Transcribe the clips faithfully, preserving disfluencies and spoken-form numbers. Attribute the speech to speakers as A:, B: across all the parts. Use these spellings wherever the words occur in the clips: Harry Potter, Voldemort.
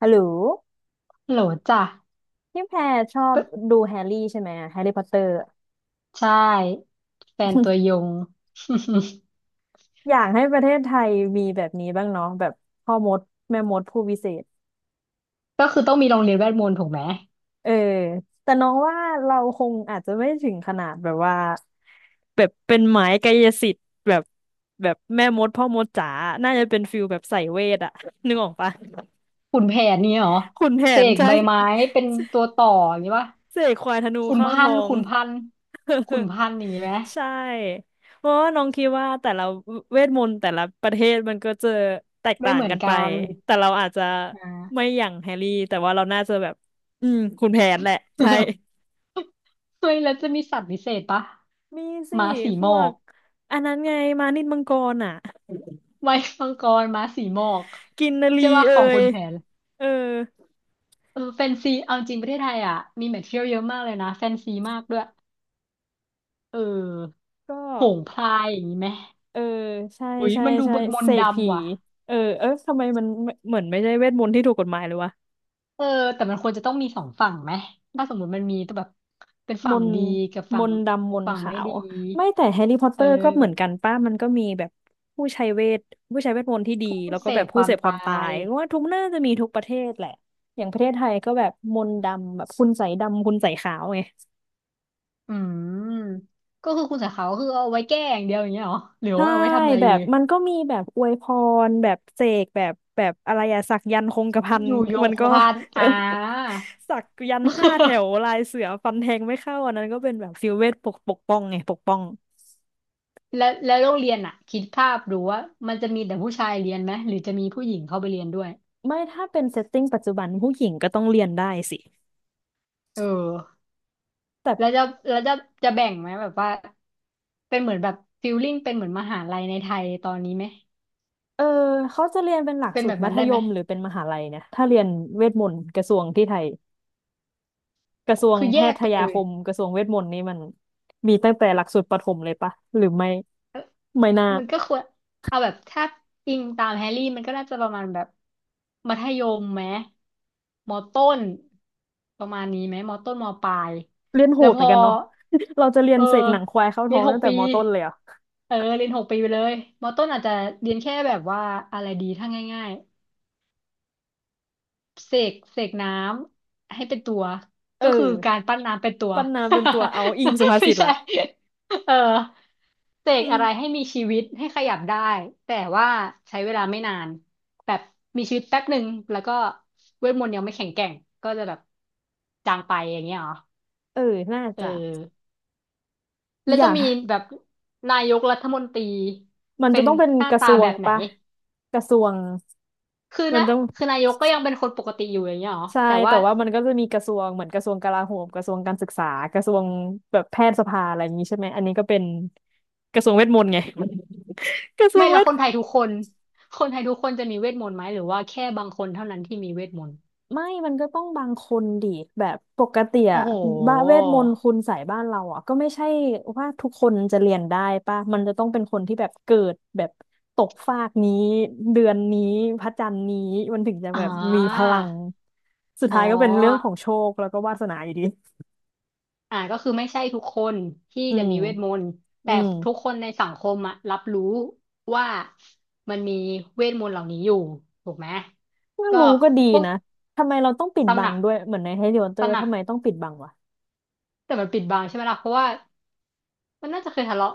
A: ฮัลโหล
B: โหลจ้ะ
A: พี่แพรชอบ
B: ก็
A: ดูแฮร์รี่ใช่ไหมแฮร์รี่พอตเตอร์
B: ใช่แฟนตัวยง
A: อยากให้ประเทศไทยมีแบบนี้บ้างเนาะแบบพ่อมดแม่มดผู้วิเศษ
B: ก็คือต้องมีโรงเรียนเวทมนต์ถูกไหม
A: เออ แต่น้องว่าเราคงอาจจะไม่ถึงขนาดแบบว่าแบบเป็นหมายกายสิทธิ์แบบแบบแม่มดพ่อมดจ๋าน่าจะเป็นฟิลแบบใส่เวทอะ นึกออกปะ
B: ขุนแผนเนี่ยเหรอ
A: ขุนแผ
B: เส
A: น
B: ก
A: ใช่
B: ใบไม้เป็นตัวต่ออย่างนี้ป่ะ
A: เสกควายธนู
B: ขุน
A: เข้า
B: พั
A: ท้
B: น
A: อ
B: ธุ์
A: ง
B: ขุนพันธุ์ขุ นพันธุ์อย่างนี้ไหม
A: ใช่เพราะว่าน้องคิดว่าแต่ละเวทมนต์แต่ละประเทศมันก็จะแตก
B: ไม่
A: ต่าง
B: เหมือ
A: กั
B: น
A: นไป
B: กัน
A: แต่เราอาจจะ
B: อ่
A: ไม่
B: า
A: อย่างแฮร์รี่แต่ว่าเราน่าจะแบบอืมคุณแผนแหละใช่
B: เฮ้ยแล้วจะมีสัตว์พิเศษปะ
A: มีสิ
B: ม้าสี
A: พ
B: หมอ
A: วก
B: ก
A: อันนั้นไงมานิดมังกรอ่ะ
B: ไว้มังกรม้าสีหมอก
A: กินนารี
B: ใช่ป่ะ
A: เอ่
B: ของขุ
A: ย
B: นแผน
A: เออ
B: เออแฟนซี เอาจริงประเทศไทยอ่ะมีแมทเทียลเยอะมากเลยนะแฟนซีมากด้วย เออ
A: ก็
B: โหงพลายอย่างนี้ไหม
A: เออใช่
B: อุ้ย
A: ใช่
B: มันดู
A: ใช่
B: บนมน
A: เส
B: ต์
A: กผี
B: ดำว่ะ
A: เออเออทำไมมันเหมือนไม่ใช่เวทมนต์ที่ถูกกฎหมายเลยวะ
B: เออแต่มันควรจะต้องมีสองฝั่งไหม ถ้าสมมุติมันมีตัวแบบเป็น
A: ม
B: ฝั่ง
A: นต์
B: ดีกับ
A: ม
B: ฝั่ง
A: นต์ดำมนต์
B: ฝั่ง
A: ขา
B: ไม่
A: ว
B: ดี
A: ไม่แต่แฮร์รี่พอตเต
B: เอ
A: อร์ก็เหมือนกั
B: อ
A: นป้ามันก็มีแบบผู้ใช้เวทผู้ใช้เวทมนต์ที่ดี
B: ผู้
A: แล้วก็
B: เส
A: แบ
B: พ
A: บ
B: ค
A: ผู้
B: วา
A: เส
B: ม
A: พค
B: ตา
A: วามตา
B: ย
A: ยก็ว่าทุกน่าจะมีทุกประเทศแหละอย่างประเทศไทยก็แบบมนต์ดำแบบคุณใสยดำคุณใสยขาวไง
B: อืม ก็คือคุณสาขาก็คือเอาไว้แก้อย่างเดียวอย่างเงี้ยเหรอหรือ
A: ใช่
B: ว่าเอาไว้ทำอะไร
A: แบ
B: ดี
A: บมันก็มีแบบอวยพรแบบเสกแบบแบบอะไรอะสักยันต์คงกระพัน
B: อยู่โย
A: มั
B: ง
A: น
B: คง
A: ก็
B: กระพัน
A: เออ
B: อ่า
A: สักยันต์ห้าแถว ลายเสือฟันแทงไม่เข้าอันนั้นก็เป็นแบบฟิลเวทปกปกป้องไงปกป้อง
B: แล้วแล้วโรงเรียนอ่ะ คิดภาพดูว่ามันจะมีแต่ผู้ชายเรียนไหมหรือจะมีผู้หญิงเข้าไปเรียนด้วย
A: ไม่ถ้าเป็นเซตติ้งปัจจุบันผู้หญิงก็ต้องเรียนได้สิ
B: เออ
A: แต่
B: แล้วจะแล้วจะจะแบ่งไหมแบบว่าเป็นเหมือนแบบฟิลลิ่งเป็นเหมือนมหาลัยในไทยตอนนี้ไหม
A: เออเขาจะเรียนเป็นหลัก
B: เป็น
A: สู
B: แบ
A: ตร
B: บ
A: มั
B: นั้น
A: ธ
B: ได้
A: ย
B: ไหม
A: มหรือเป็นมหาลัยเนี่ยถ้าเรียนเวทมนต์กระทรวงที่ไทยกระทรวง
B: คือ
A: แพ
B: แยก
A: ท
B: ไป
A: ยา
B: เล
A: ค
B: ย
A: มกระทรวงเวทมนต์นี่มันมีตั้งแต่หลักสูตรประถมเลยปะหรือไม่
B: เอ้อ
A: ไม่น่า
B: มันก็ควรเอาแบบถ้าอิงตามแฮร์รี่มันก็น่าจะประมาณแบบมัธยมไหมมอต้นประมาณนี้ไหมมอต้นมอปลาย
A: เรียนโห
B: แล้ว
A: ด
B: พ
A: เหมือ
B: อ
A: นกันเนาะ เราจะเรีย
B: เอ
A: น
B: อ
A: เสกหนังควายเข้า
B: เรี
A: ท้
B: ย
A: อ
B: น
A: ง
B: หก
A: ตั้งแต่
B: ปี
A: มต้นเลยเหรอ่ะ
B: เออเรียนหกปีไปเลยมอต้นอาจจะเรียนแค่แบบว่าอะไรดีถ้าง่ายๆ เสกเสกน้ำให้เป็นตัว
A: เอ
B: ก็คือกา
A: อ
B: รปั้นน้ำเป็นตัว
A: ปันนาเป็นตัวเอาอิงสุภา
B: ไม่
A: ษิต
B: ใช่
A: ละ
B: เออเส
A: อื
B: ก
A: ม
B: อะไรให้มีชีวิตให้ขยับได้แต่ว่าใช้เวลาไม่นานแบบมีชีวิตแป๊บหนึ่งแล้วก็เวทมนต์ยังไม่แข็งแกร่งก็จะแบบจางไปอย่างเงี้ยเหรอ
A: เออน่า
B: เออ
A: จะ
B: แล้ว
A: อ
B: จะ
A: ยาก
B: มีแบบนายกรัฐมนตรี
A: มัน
B: เป็
A: จะ
B: น
A: ต้องเป็น
B: หน้า
A: กระท
B: ตา
A: รว
B: แบ
A: ง
B: บไหน
A: ปะกระทรวง
B: คือ
A: มัน
B: นะ
A: ต้อง
B: คือนายกก็ยังเป็นคนปกติอยู่อย่างเงี้ยเหรอ
A: ใช่
B: แต่
A: แต่
B: ว่า
A: ว่ามันก็จะมีกระทรวงเหมือนกระทรวงกลาโหมกระทรวงการศึกษากระทรวงแบบแพทยสภาอะไรอย่างนี้ใช่ไหมอันนี้ก็เป็นกระทรวงเวทมนต์ไง กระทรว
B: ไม่
A: งเว
B: แล้ว
A: ท
B: คนไทยทุกคน คนไทยทุกคนจะมีเวทมนต์ไหมหรือว่าแค่บางคนเท่านั้นที่มีเวทมนต์
A: ไม่มันก็ต้องบางคนดิแบบปกติ
B: โอ้
A: อะ
B: โห
A: บ้าเวทมนต์คุณใส่บ้านเราอะก็ไม่ใช่ว่าทุกคนจะเรียนได้ป่ะมันจะต้องเป็นคนที่แบบเกิดแบบตกฟากนี้เดือนนี้พระจันทร์นี้มันถึงจะ
B: อ่
A: แบบมีพ
B: า
A: ลังสุด
B: อ๋อ
A: ท้ายก็เป็นเรื่องของโชคแล้วก็วาสนาอยู่ดี
B: อ่าก็คือไม่ใช่ทุกคนที่
A: อื
B: จะ
A: ม
B: มีเวทมนต์
A: อื
B: แต่
A: ม
B: ทุกคนในสังคมอะรับรู้ว่ามันมีเวทมนต์เหล่านี้อยู่ถูกไหม
A: ถ้า
B: ก็
A: รู้ก็ดี
B: พวก
A: นะ ทำไมเราต้องปิด
B: ตำ
A: บั
B: หนั
A: ง
B: ก
A: ด้วย เหมือนในแฮร์รี่พอตเตอ
B: ตำ
A: ร์
B: หนัก
A: ทำไมต้องปิดบังวะ
B: แต่มันปิดบังใช่ไหมล่ะเพราะว่า มันน่าจะเคยทะเลาะ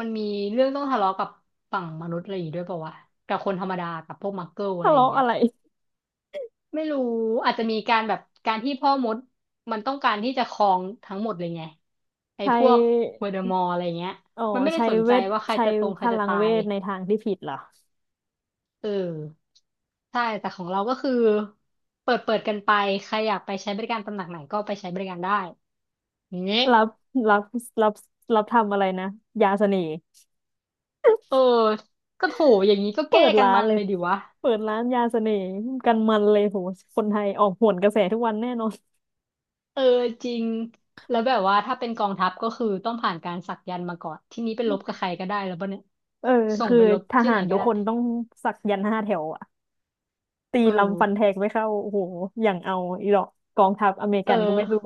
B: มันมีเรื่องต้องทะเลาะกับฝั่งมนุษย์อะไรอย่างงี้ด้วยป่าวะกับคนธรรมดากับพวกมักเกิลอะ
A: ทะ
B: ไรอย่าง
A: เลาะ
B: เงี้ย
A: อะไร
B: ไม่รู้อาจจะมีการแบบการที่พ่อมดมันต้องการที่จะครองทั้งหมดเลยไงไอ้
A: ใช
B: พวกเว
A: ้
B: อร์เดอมอร์อะไรเงี้ย
A: อ๋อ
B: มันไม่ได้
A: ใช้
B: สน
A: เว
B: ใจ
A: ท
B: ว่าใคร
A: ใช้
B: จะตรงใค
A: พ
B: รจะ
A: ลัง
B: ตา
A: เว
B: ย
A: ทในทางที่ผิดเหรอ
B: เออใช่แต่ของเราก็คือเปิดเปิดกันไปใครอยากไปใช้บริการตำหนักไหนก็ไปใช้บริการได้อย่างเงี้ย
A: รับรับรับรับทำอะไรนะยาเสน่ห์
B: เออก็โถอย่างนี้ก็
A: เปิ
B: แก้
A: ด
B: กัน
A: ร้าน
B: มัน
A: เล
B: เล
A: ย
B: ยดิวะ
A: เปิดร้านยาเสน่ห์กันมันเลยโหคนไทยออกโหนกระแสทุกวันแน่นอน
B: เออจริงแล้วแบบว่าถ้าเป็นกองทัพก็คือต้องผ่านการสักยันต์มาก่อนที่นี้ไปรบกับใครก็ได้แล้วป่ะเนี่ย
A: เออ
B: ส่ง
A: คือ
B: ไปรบ
A: ท
B: ที่
A: หา
B: ไหน
A: ร
B: ก็
A: ทุก
B: ได้
A: คนต้องสักยันต์ห้าแถวอะตี
B: เออ
A: ลำฟันแทงไม่เข้าโอ้โหอย่างเอาอีหรอกกองทัพอเมริ
B: เอ
A: กันก็ไม่รู้
B: อ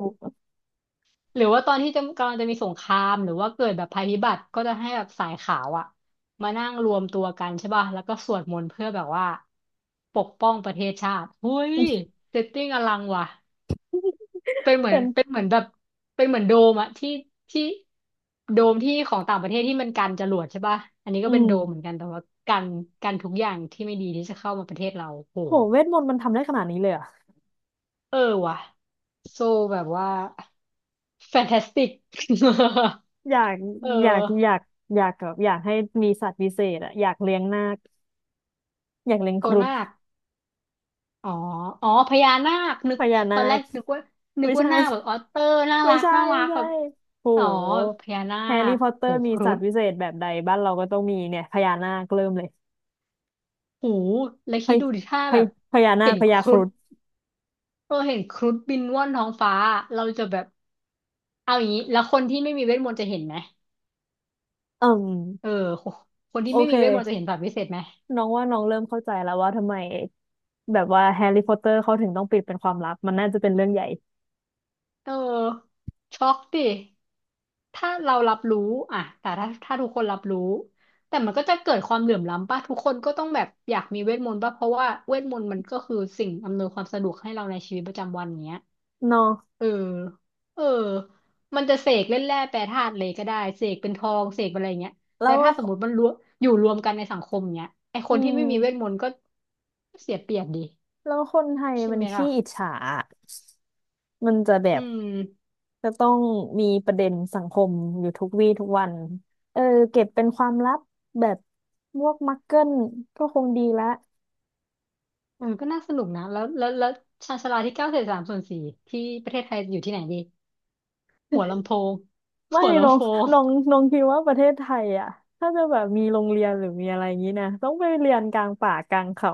B: หรือว่าตอนที่จะกำลังจะมีสงครามหรือว่าเกิดแบบภัยพิบัติก็จะให้แบบสายขาวอะมานั่งรวมตัวกันใช่ป่ะแล้วก็สวดมนต์เพื่อแบบว่าปกป้องประเทศชาติเฮ้ยเซตติ้งอลังว่ะ เป็ นเหมือ
A: เป็
B: น
A: น
B: เป็นเหมือนแบบเป็นเหมือนโดมอะที่ที่โดมที่ของต่างประเทศที่มันกันจรวดใช่ป่ะอันนี้ก็
A: อื
B: เป็นโด
A: ม
B: มเหมือนกันแต่ว่ากันกันทุกอย่างที่ไม่ดีที่จะเข้ามาประเทศเราโห
A: โหเวทมนต์มันทำได้ขนาดนี้เลยเหรอ่ะ
B: เออว่ะโซแบบว่าแฟนตาสติก
A: อยาก
B: เ
A: อยาก
B: อ
A: อ
B: อ
A: ยากอยากแบบอยากให้มีสัตว์พิเศษอะอยากเลี้ยงนาคอยากเลี้ยงค
B: ตัว
A: รุฑ
B: นาคอ๋ออ๋อพญานาคนึ
A: พ
B: ก
A: ญา
B: ต
A: นา
B: อนแรก
A: ค
B: นึกว่านึ
A: ไม่
B: กว่า
A: ใช่
B: หน้าคแบบออเตอร์น่า
A: ไม่
B: รัก
A: ใช่
B: น่ารั
A: ไม่
B: ก
A: ใช่
B: แบบ
A: โห
B: อ๋อพญานา
A: แฮร์รี่
B: ค
A: พอตเตอ
B: โห
A: ร์มี
B: ครุ
A: สัต
B: ฑ
A: ว์พิเศษแบบใดบ้านเราก็ต้องมีเนี่ยพญานาคเริ่มเลย
B: หูแล้ว
A: พ
B: คิด
A: ญ
B: ดูดิถ้า
A: พ
B: แบ
A: ญ
B: บ
A: พญานา
B: เห็
A: ค
B: น
A: พ
B: ค
A: ญาค
B: รุ
A: รุ
B: ฑ
A: ฑ
B: เราเห็นครุฑบินว่อนท้องฟ้าเราจะแบบเอาอย่างนี้แล้วคนที่ไม่มีเวทมนต์จะเห็นไหม
A: อืม
B: เออคนที่
A: โอ
B: ไม่
A: เค
B: มีเวทมนต์จะเห็นสัตว์วิเศษไหม
A: น้องว่าน้องเริ่มเข้าใจแล้วว่าทำไมแบบว่าแฮร์รี่พอตเตอร์เขาถึงต้องปิดเป็นความลับมันน่าจะเป็นเรื่องใหญ่
B: เออช็อกดิถ้าเรารับรู้อ่ะแต่ถ้าถ้าทุกคนรับรู้แต่มันก็จะเกิดความเหลื่อมล้ำป่ะทุกคนก็ต้องแบบอยากมีเวทมนต์ป่ะเพราะว่าเวทมนต์มันก็คือสิ่งอำนวยความสะดวกให้เราในชีวิตประจำวันเนี้ย
A: เนาะ
B: เออเออมันจะเสกเล่นแร่แปรธาตุเลยก็ได้เสกเป็นทองเสกเป็นอะไรเงี้ยแล้
A: แล้
B: ว
A: ว
B: ถ้าสมมติมันรวมอยู่รวมกันในสังคมเงี้ยไอค
A: อื
B: นที่
A: ม
B: ไม่มีเวทมนต์ก็เสียเปรียบดี
A: แล้วคนไทย
B: ใช่
A: มัน
B: ไหมล่ะ
A: ขี้อิจฉาอะมันจะแบ
B: อื
A: บ
B: ม
A: จะต้องมีประเด็นสังคมอยู่ทุกวี่ทุกวันเออเก็บเป็นความลับแบบพวกมักเกิลก็คงดีละ
B: เออก็น่าสนุกนะแล้วแล้วแล้วชาญชาลาที่เก้าเศษสามส่วนสี่ที่ประเทศไทยอยู่ที่ไหนดีหัวลำโพง
A: ไม่
B: หัว
A: ลอ
B: ลำ
A: ง
B: โพง
A: ลองลองคิดว่าประเทศไทยอ่ะถ้าจะแบบมีโรงเรียนหรือมีอะไรอย่างนี้นะต้องไปเรียนกลางป่ากลางเขา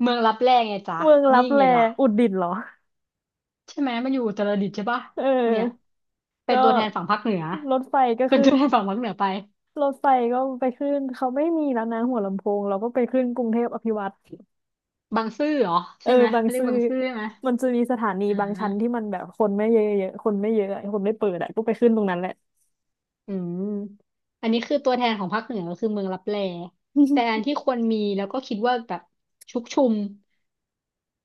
B: เมืองลับแลไงจ๊ะ
A: เมืองลั
B: นี่
A: บแล
B: ไงล่ะ
A: อุตรดิตถ์เหรอ
B: ใช่ไหมมันอยู่อุตรดิตถ์ใช่ปะ
A: เอ
B: เนี่
A: อ
B: ยเป็น
A: ก็
B: ตัวแทนฝั่งภาคเหนือ
A: รถไฟก็
B: เป็น
A: ขึ้
B: ตั
A: น
B: วแทนฝั่งภาคเหนือไป
A: รถไฟก็ไปขึ้นเขาไม่มีแล้วนะหัวลำโพงเราก็ไปขึ้นกรุงเทพอภิวัตน์
B: บางซื่อเหรอ
A: เอ
B: ใช่
A: อ
B: ไหม
A: บาง
B: เขาเรียก
A: ซื่อ
B: บางซื่อใช่ไหม
A: มันจะมีสถานี
B: อ่า
A: บางชั้นที่มันแบบคนไม่เยอะๆคนไม่เยอะอะคนไม่เปิดอะก็ไปขึ้นตรงนั้นแหละ
B: อืมอันนี้คือตัวแทนของภาคเหนือก็คือเมืองลับแลแต่อัน
A: อ
B: ที่ควรมีแล้วก็คิดว่าแบบชุกชุม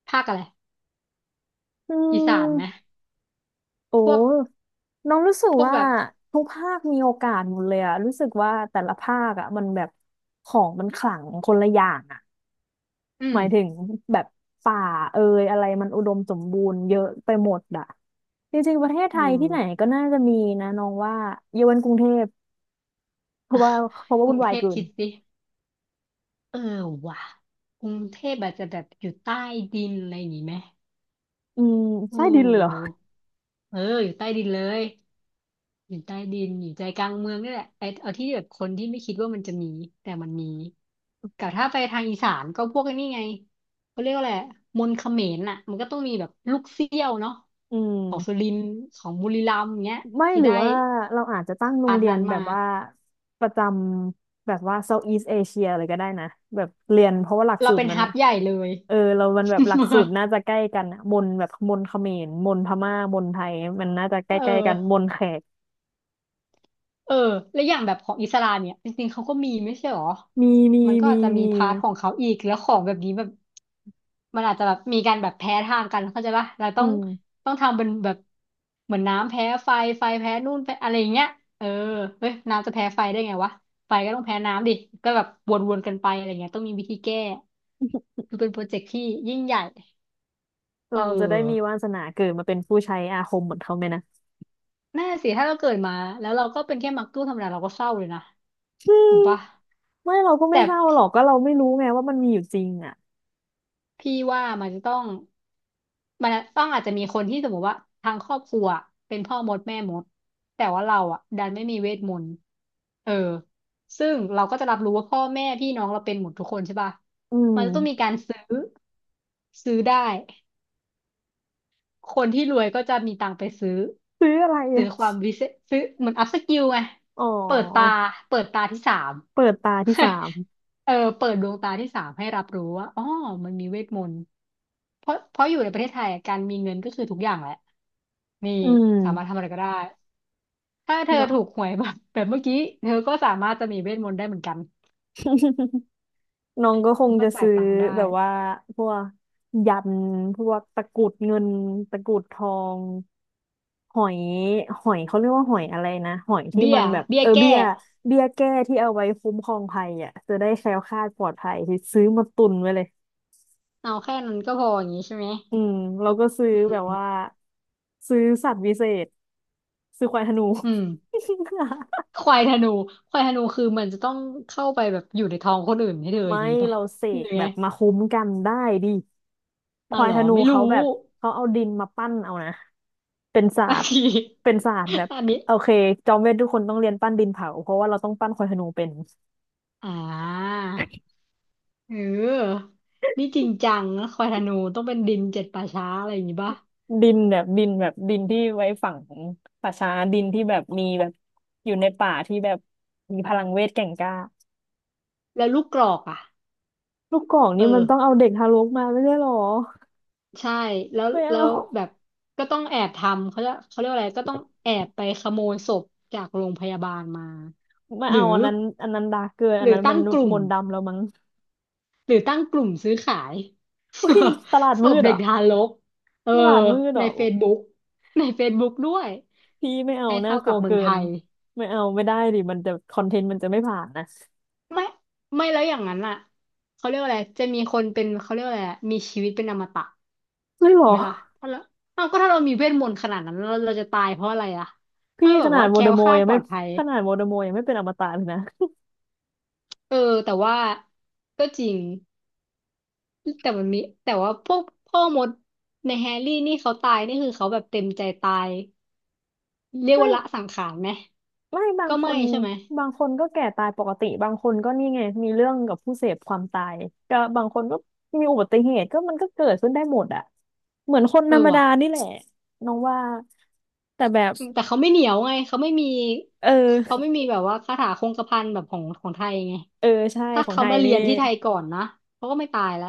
B: ภาคอะไร
A: ื
B: อีสานไหม
A: ม
B: พ
A: โอ้
B: วก
A: น้องรู้สึก
B: พวก
A: ว่า
B: แบบ
A: ทุกภาคมีโอกาสหมดเลยอะรู้สึกว่าแต่ละภาคอะมันแบบของมันขลังคนละอย่างอะ
B: อื
A: ห
B: ม
A: มายถึงแบบป่าเอ่ยอะไรมันอุดมสมบูรณ์เยอะไปหมดอะจริงๆประเทศไท
B: เอ
A: ยที่ไหน
B: อ
A: ก็น่าจะมีนะน้องว่าเยาวันกรุงเทพเพราะว่าเพราะ ว่า
B: กรุ
A: วุ่น
B: งเท
A: วาย
B: พ
A: เกิน
B: คิดสิเออว่ะกรุงเทพอาจจะแบบอยู่ใต้ดินอะไรอย่างงี้ไหม
A: อืม
B: เ
A: ใต้ดินเลยเหรอ
B: ออเอออยู่ใต้ดินเลย อยู่ใต้ดินอยู่ใจกลางเมืองนี่แหละไอ้เอาที่แบบคนที่ไม่คิดว่ามันจะมีแต่มันมีกับถ้าไปทางอีสานก็พวกไอ้นี่ไงเขาเรียกว่าอะไรมนต์เขมรน่ะมันก็ต้องมีแบบลูกเสี้ยวเนาะ
A: อื
B: ของสุ
A: ม
B: รินทร์ของบุรีรัมย์อย่างเงี้ย
A: ไม่
B: ที่
A: หรือ
B: ได้
A: ว่าเราอาจจะตั้งโรง
B: อาร์ท
A: เรีย
B: นั้
A: น
B: น
A: แบ
B: มา
A: บว่าประจำแบบว่า Southeast Asia เลยก็ได้นะแบบเรียนเพราะว่าหลัก
B: เรา
A: สูตร
B: เป็น
A: มัน
B: ฮับใหญ่เลย
A: เออเรามันแบบหลักสูตร น่าจะใกล้กันอะมนแบบมนเขมรมนพม่ามนไทยมันน่าจะใก
B: เอ
A: ล้ๆกันม
B: อ
A: นแขก
B: เออและอย่างแบบของอิสลามเนี่ยจริงๆเขาก็มีไม่ใช่หรอ
A: มีมี
B: มันก็
A: มี
B: อาจจะมี
A: มี
B: พาร์ทของเขาอีกแล้วของแบบนี้แบบมันอาจจะแบบมีการแบบแพ้ทางกันเข้าใจปะเราต้อ
A: อื
B: ง
A: ม
B: ต้องทำเป็นแบบเหมือนน้ำแพ้ไฟไฟแพ้นู่นแพ้อะไรอย่างเงี้ยเออเฮ้ยน้ำจะแพ้ไฟได้ไงวะไฟก็ต้องแพ้น้ำดิก็แบบวนๆกันไปอะไรเงี้ยต้องมีวิธีแก้คือเป็นโปรเจกต์ที่ยิ่งใหญ่เ
A: เราจะได้มี
B: ออ
A: วาสนาเกิดมาเป็นผู้ใช้อาคมเหมือนเขาไหมนะ
B: น่าสิถ้าเราเกิดมาแล้วเราก็เป็นแค่มักตู้ธรรมดาเราก็เศร้าเลยนะ
A: อื
B: ถู
A: ม
B: กปะ
A: ไม่เราก็ไม่
B: แต่
A: เศร้าหรอกก็เราไม่รู้ไงว่ามันมีอยู่จริงอ่ะ
B: พี่ว่ามันจะต้องมันต้องอาจจะมีคนที่สมมติว่าทางครอบครัวเป็นพ่อมดแม่มดแต่ว่าเราอ่ะดันไม่มีเวทมนต์เออซึ่งเราก็จะรับรู้ว่าพ่อแม่พี่น้องเราเป็นหมดทุกคนใช่ป่ะ
A: อื
B: มั
A: ม
B: นจะต้องมีการซื้อซื้อได้ คนที่รวยก็จะมีตังค์ไปซื้อ
A: ซื้ออะไร
B: ซื้
A: อะ
B: อความวิเศษซื้อเหมือนอัพสกิลไง
A: อ๋
B: เปิดตา
A: อ
B: เปิดตาที่สาม
A: เปิดตาที่สาม
B: เออเปิดดวงตาที่สามให้รับรู้ว่าอ๋อมันมีเวทมนต์เพราะเพราะอยู่ในประเทศไทยอะการมีเงินก็คือทุกอย่างแหละนี่
A: อื
B: สามารถทำ
A: ม
B: อะไรก็ได้ถ้าเธอ
A: ก็
B: ถูกหวยแบบแบบเมื่อกี้เธอก็สามารถจะมีเวทมนต์ได้เหมือนกัน
A: น้องก็ค
B: ก็
A: ง
B: มา
A: จะ
B: จ่าย
A: ซื้อ
B: ตังค์ได้
A: แบบว่าพวกยันพวกตะกรุดเงินตะกรุดทองหอยหอยเขาเรียกว่าหอยอะไรนะหอยที่
B: เบี้
A: มั
B: ย
A: นแบบ
B: เบี้
A: เอ
B: ย
A: อเบี้
B: แก้
A: ยเบี้ยแก้ที่เอาไว้คุ้มครองภัยอ่ะจะได้แคล้วคลาดปลอดภัยที่ซื้อมาตุนไว้เลย
B: เอาแค่นั้นก็พออย่างนี้ใช่ไหม
A: อืมเราก็ซื้อแบบ
B: อื
A: ว่า
B: ม
A: ซื้อสัตว์วิเศษซื้อควายธนู
B: อืม ควายธนูควายธนูคือมันจะต้องเข้าไปแบบอยู่ในท้องคนอื่นให้เธออ
A: ไม่
B: ย่างนี้ป่ะ
A: เราเส
B: หรื
A: ก
B: อ
A: แบ
B: ไง
A: บมาคุ้มกันได้ดิค
B: อ้าว
A: วา
B: เห
A: ย
B: รอ
A: ธนู
B: ไม่รู้
A: เขาแบบเขาเอาดินมาปั้นเอานะเป็นศา
B: บา
A: ส
B: ง
A: ตร์
B: ที
A: เป็นศาสตร์แบบ
B: อันนี้
A: โอเคจอมเวททุกคนต้องเรียนปั้นดินเผาเพราะว่าเราต้องปั้นควายธนูเป็น
B: อ่าเออนี่จริงจังนะควายธนูต้องเป็นดินเจ็ดป่าช้าอะไรอย่างนี้ป่ะ
A: ดินแบบดินแบบดินที่ไว้ฝังป่าช้าดินที่แบบมีแบบอยู่ในป่าที่แบบมีพลังเวทแก่งกล้า
B: แล้วลูกกรอกอ่ะ
A: ลูกกอก
B: เอ
A: นี่มั
B: อ
A: นต้องเอาเด็กทารกมาไม่ใช่หรอ
B: ใช่แล้ว
A: ไม่
B: แล้
A: เอา
B: วแบบก็ต้องแอบทำเขาจะเขาเรียกว่าอะไรก็ต้องแอบไปขโมยศพจากโรงพยาบาลมา
A: ไม่
B: หรื
A: เอา
B: อ
A: อันนั้นอันนั้นดาร์กเกิน
B: ห
A: อัน
B: รือ
A: นั้นมั
B: ตั้
A: น
B: งกลุ่
A: ม
B: ม
A: นต์ดำแล้วมั้ง
B: หรือตั้งกลุ่มซื้อขาย
A: อุ้ยตลาด
B: ศ
A: มื
B: พ
A: ดเหร
B: เด็ก
A: อ
B: ทารกเออ
A: ตลาดมืดเหร
B: ใน
A: อ
B: Facebook ใน เฟซบุ๊ก ด้วย
A: พี่ไม่เอา
B: ให้
A: น่า
B: เท่า
A: ก
B: กั
A: ลั
B: บ
A: ว
B: เมือ
A: เกิ
B: งไท
A: น
B: ย
A: ไม่เอาไม่ได้ดิมันจะคอนเทนต์มันจะไม่ผ่านนะ
B: ไม่ไม่แล้วอย่างนั้นอ่ะเขาเรียกว่าอะไรจะมีคนเป็นเขาเรียกว่าอะไรอะมีชีวิตเป็นอมตะ
A: ไม่หรอ
B: ไหมล่ะถ้าเราเอาก็ถ้าเรามีเวทมนต์ขนาดนั้นเราเราจะตายเพราะอะไรอ่ะ
A: พี่
B: ถ้าแบ
A: ข
B: บ
A: นาด
B: ว่า
A: โว
B: แค
A: ล
B: ล้
A: เดอ
B: ว
A: ม
B: ค
A: อร์
B: ลาด
A: ยัง
B: ปล
A: ไม่
B: อดภัย
A: ขนาดโวลเดอมอร์ยังไม่เป็นอมตะเลยนะ
B: เออแต่ว่าก็จริง แต่มันมีแต่ว่าพวกพ่อมดในแฮร์รี่นี่เขาตายนี่คือเขาแบบเต็มใจตาย เรียก
A: ไม่
B: ว่าละสังขารไหม
A: ไม่บาง
B: ก็
A: ค
B: ไม่
A: น
B: ใช่ไหม
A: บางคนก็แก่ตายปกติบางคนก็นี่ไงมีเรื่องกับผู้เสพความตายก็บางคนก็มีอุบัติเหตุก็มันก็เกิดขึ้นได้หมดอะเหมือนคน
B: เอ
A: ธร
B: อ
A: รมดา
B: ว่ะ
A: นี่แหละน้องว่าแต่แบบ
B: แต่เขาไม่เหนียวไงเขาไม่มี
A: เอ
B: เขา
A: อ
B: ไม่มีแบบว่าคาถาคงกระพันแบบของของไทยไง
A: เออใช่
B: ถ้า
A: ของ
B: เขา
A: ไทย
B: มาเรี
A: นี่
B: ยนที่ไทยก่อนนะเขาก็ไม่ตายแล้ว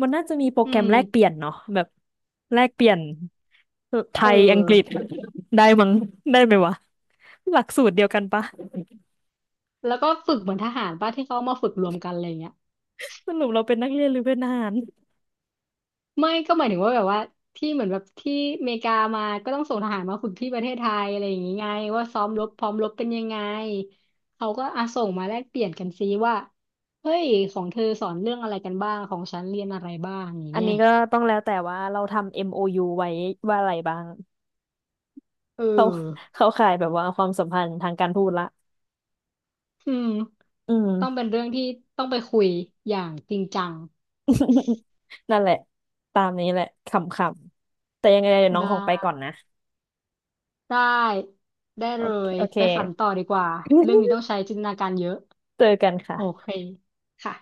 A: มันน่าจะมีโปร
B: อื
A: แกรม
B: ม
A: แลกเปลี่ยนเนาะแบบแลกเปลี่ยนไท
B: เออ
A: ยอังกฤษได้มั้งได้ไหมวะหลักสูตรเดียวกันปะ
B: แล้วก็ฝึกเหมือนทหารป่ะที่เขามาฝึกรวมกันอะไรอย่างเงี้ย
A: สรุปเราเป็นนักเรียนหรือเป็นทหาร
B: ไม่ก็หมายถึงว่าแบบว่าที่เหมือนแบบที่อเมริกามาก็ต้องส่งทหารมาฝึกที่ประเทศไทยอะไรอย่างงี้ไงว่าซ้อมรบพร้อมรบเป็นยังไงเขาก็อาส่งมาแลกเปลี่ยนกันซิว่าเฮ้ยของเธอสอนเรื่องอะไรกันบ้างของฉันเรียนอะไรบ้างอย่าง
A: อัน
B: เงี้ย
A: นี้ก็ต้องแล้วแต่ว่าเราทำ เอ็ม โอ ยู ไว้ว่าอะไรบ้าง
B: เ
A: เขา
B: ออ
A: เขาขายแบบว่าความสัมพันธ์ทางการทูตละ
B: อืม
A: อืม
B: ต้องเป็นเรื่องที่ต้องไปคุยอย่างจริงจัง
A: นั่นแหละตามนี้แหละขำๆแต่ยังไงเดี๋ยวน้อง
B: ได้
A: ของไปก่อนนะ
B: ได้ได้
A: โอ
B: เล
A: เค
B: ย
A: โอเค
B: ไปฝันต่อดีกว่าเรื่องนี้ต้อง ใช้จินตนาการเยอะ
A: เจอกัน
B: โอเค
A: ค่ะ
B: ค่ะ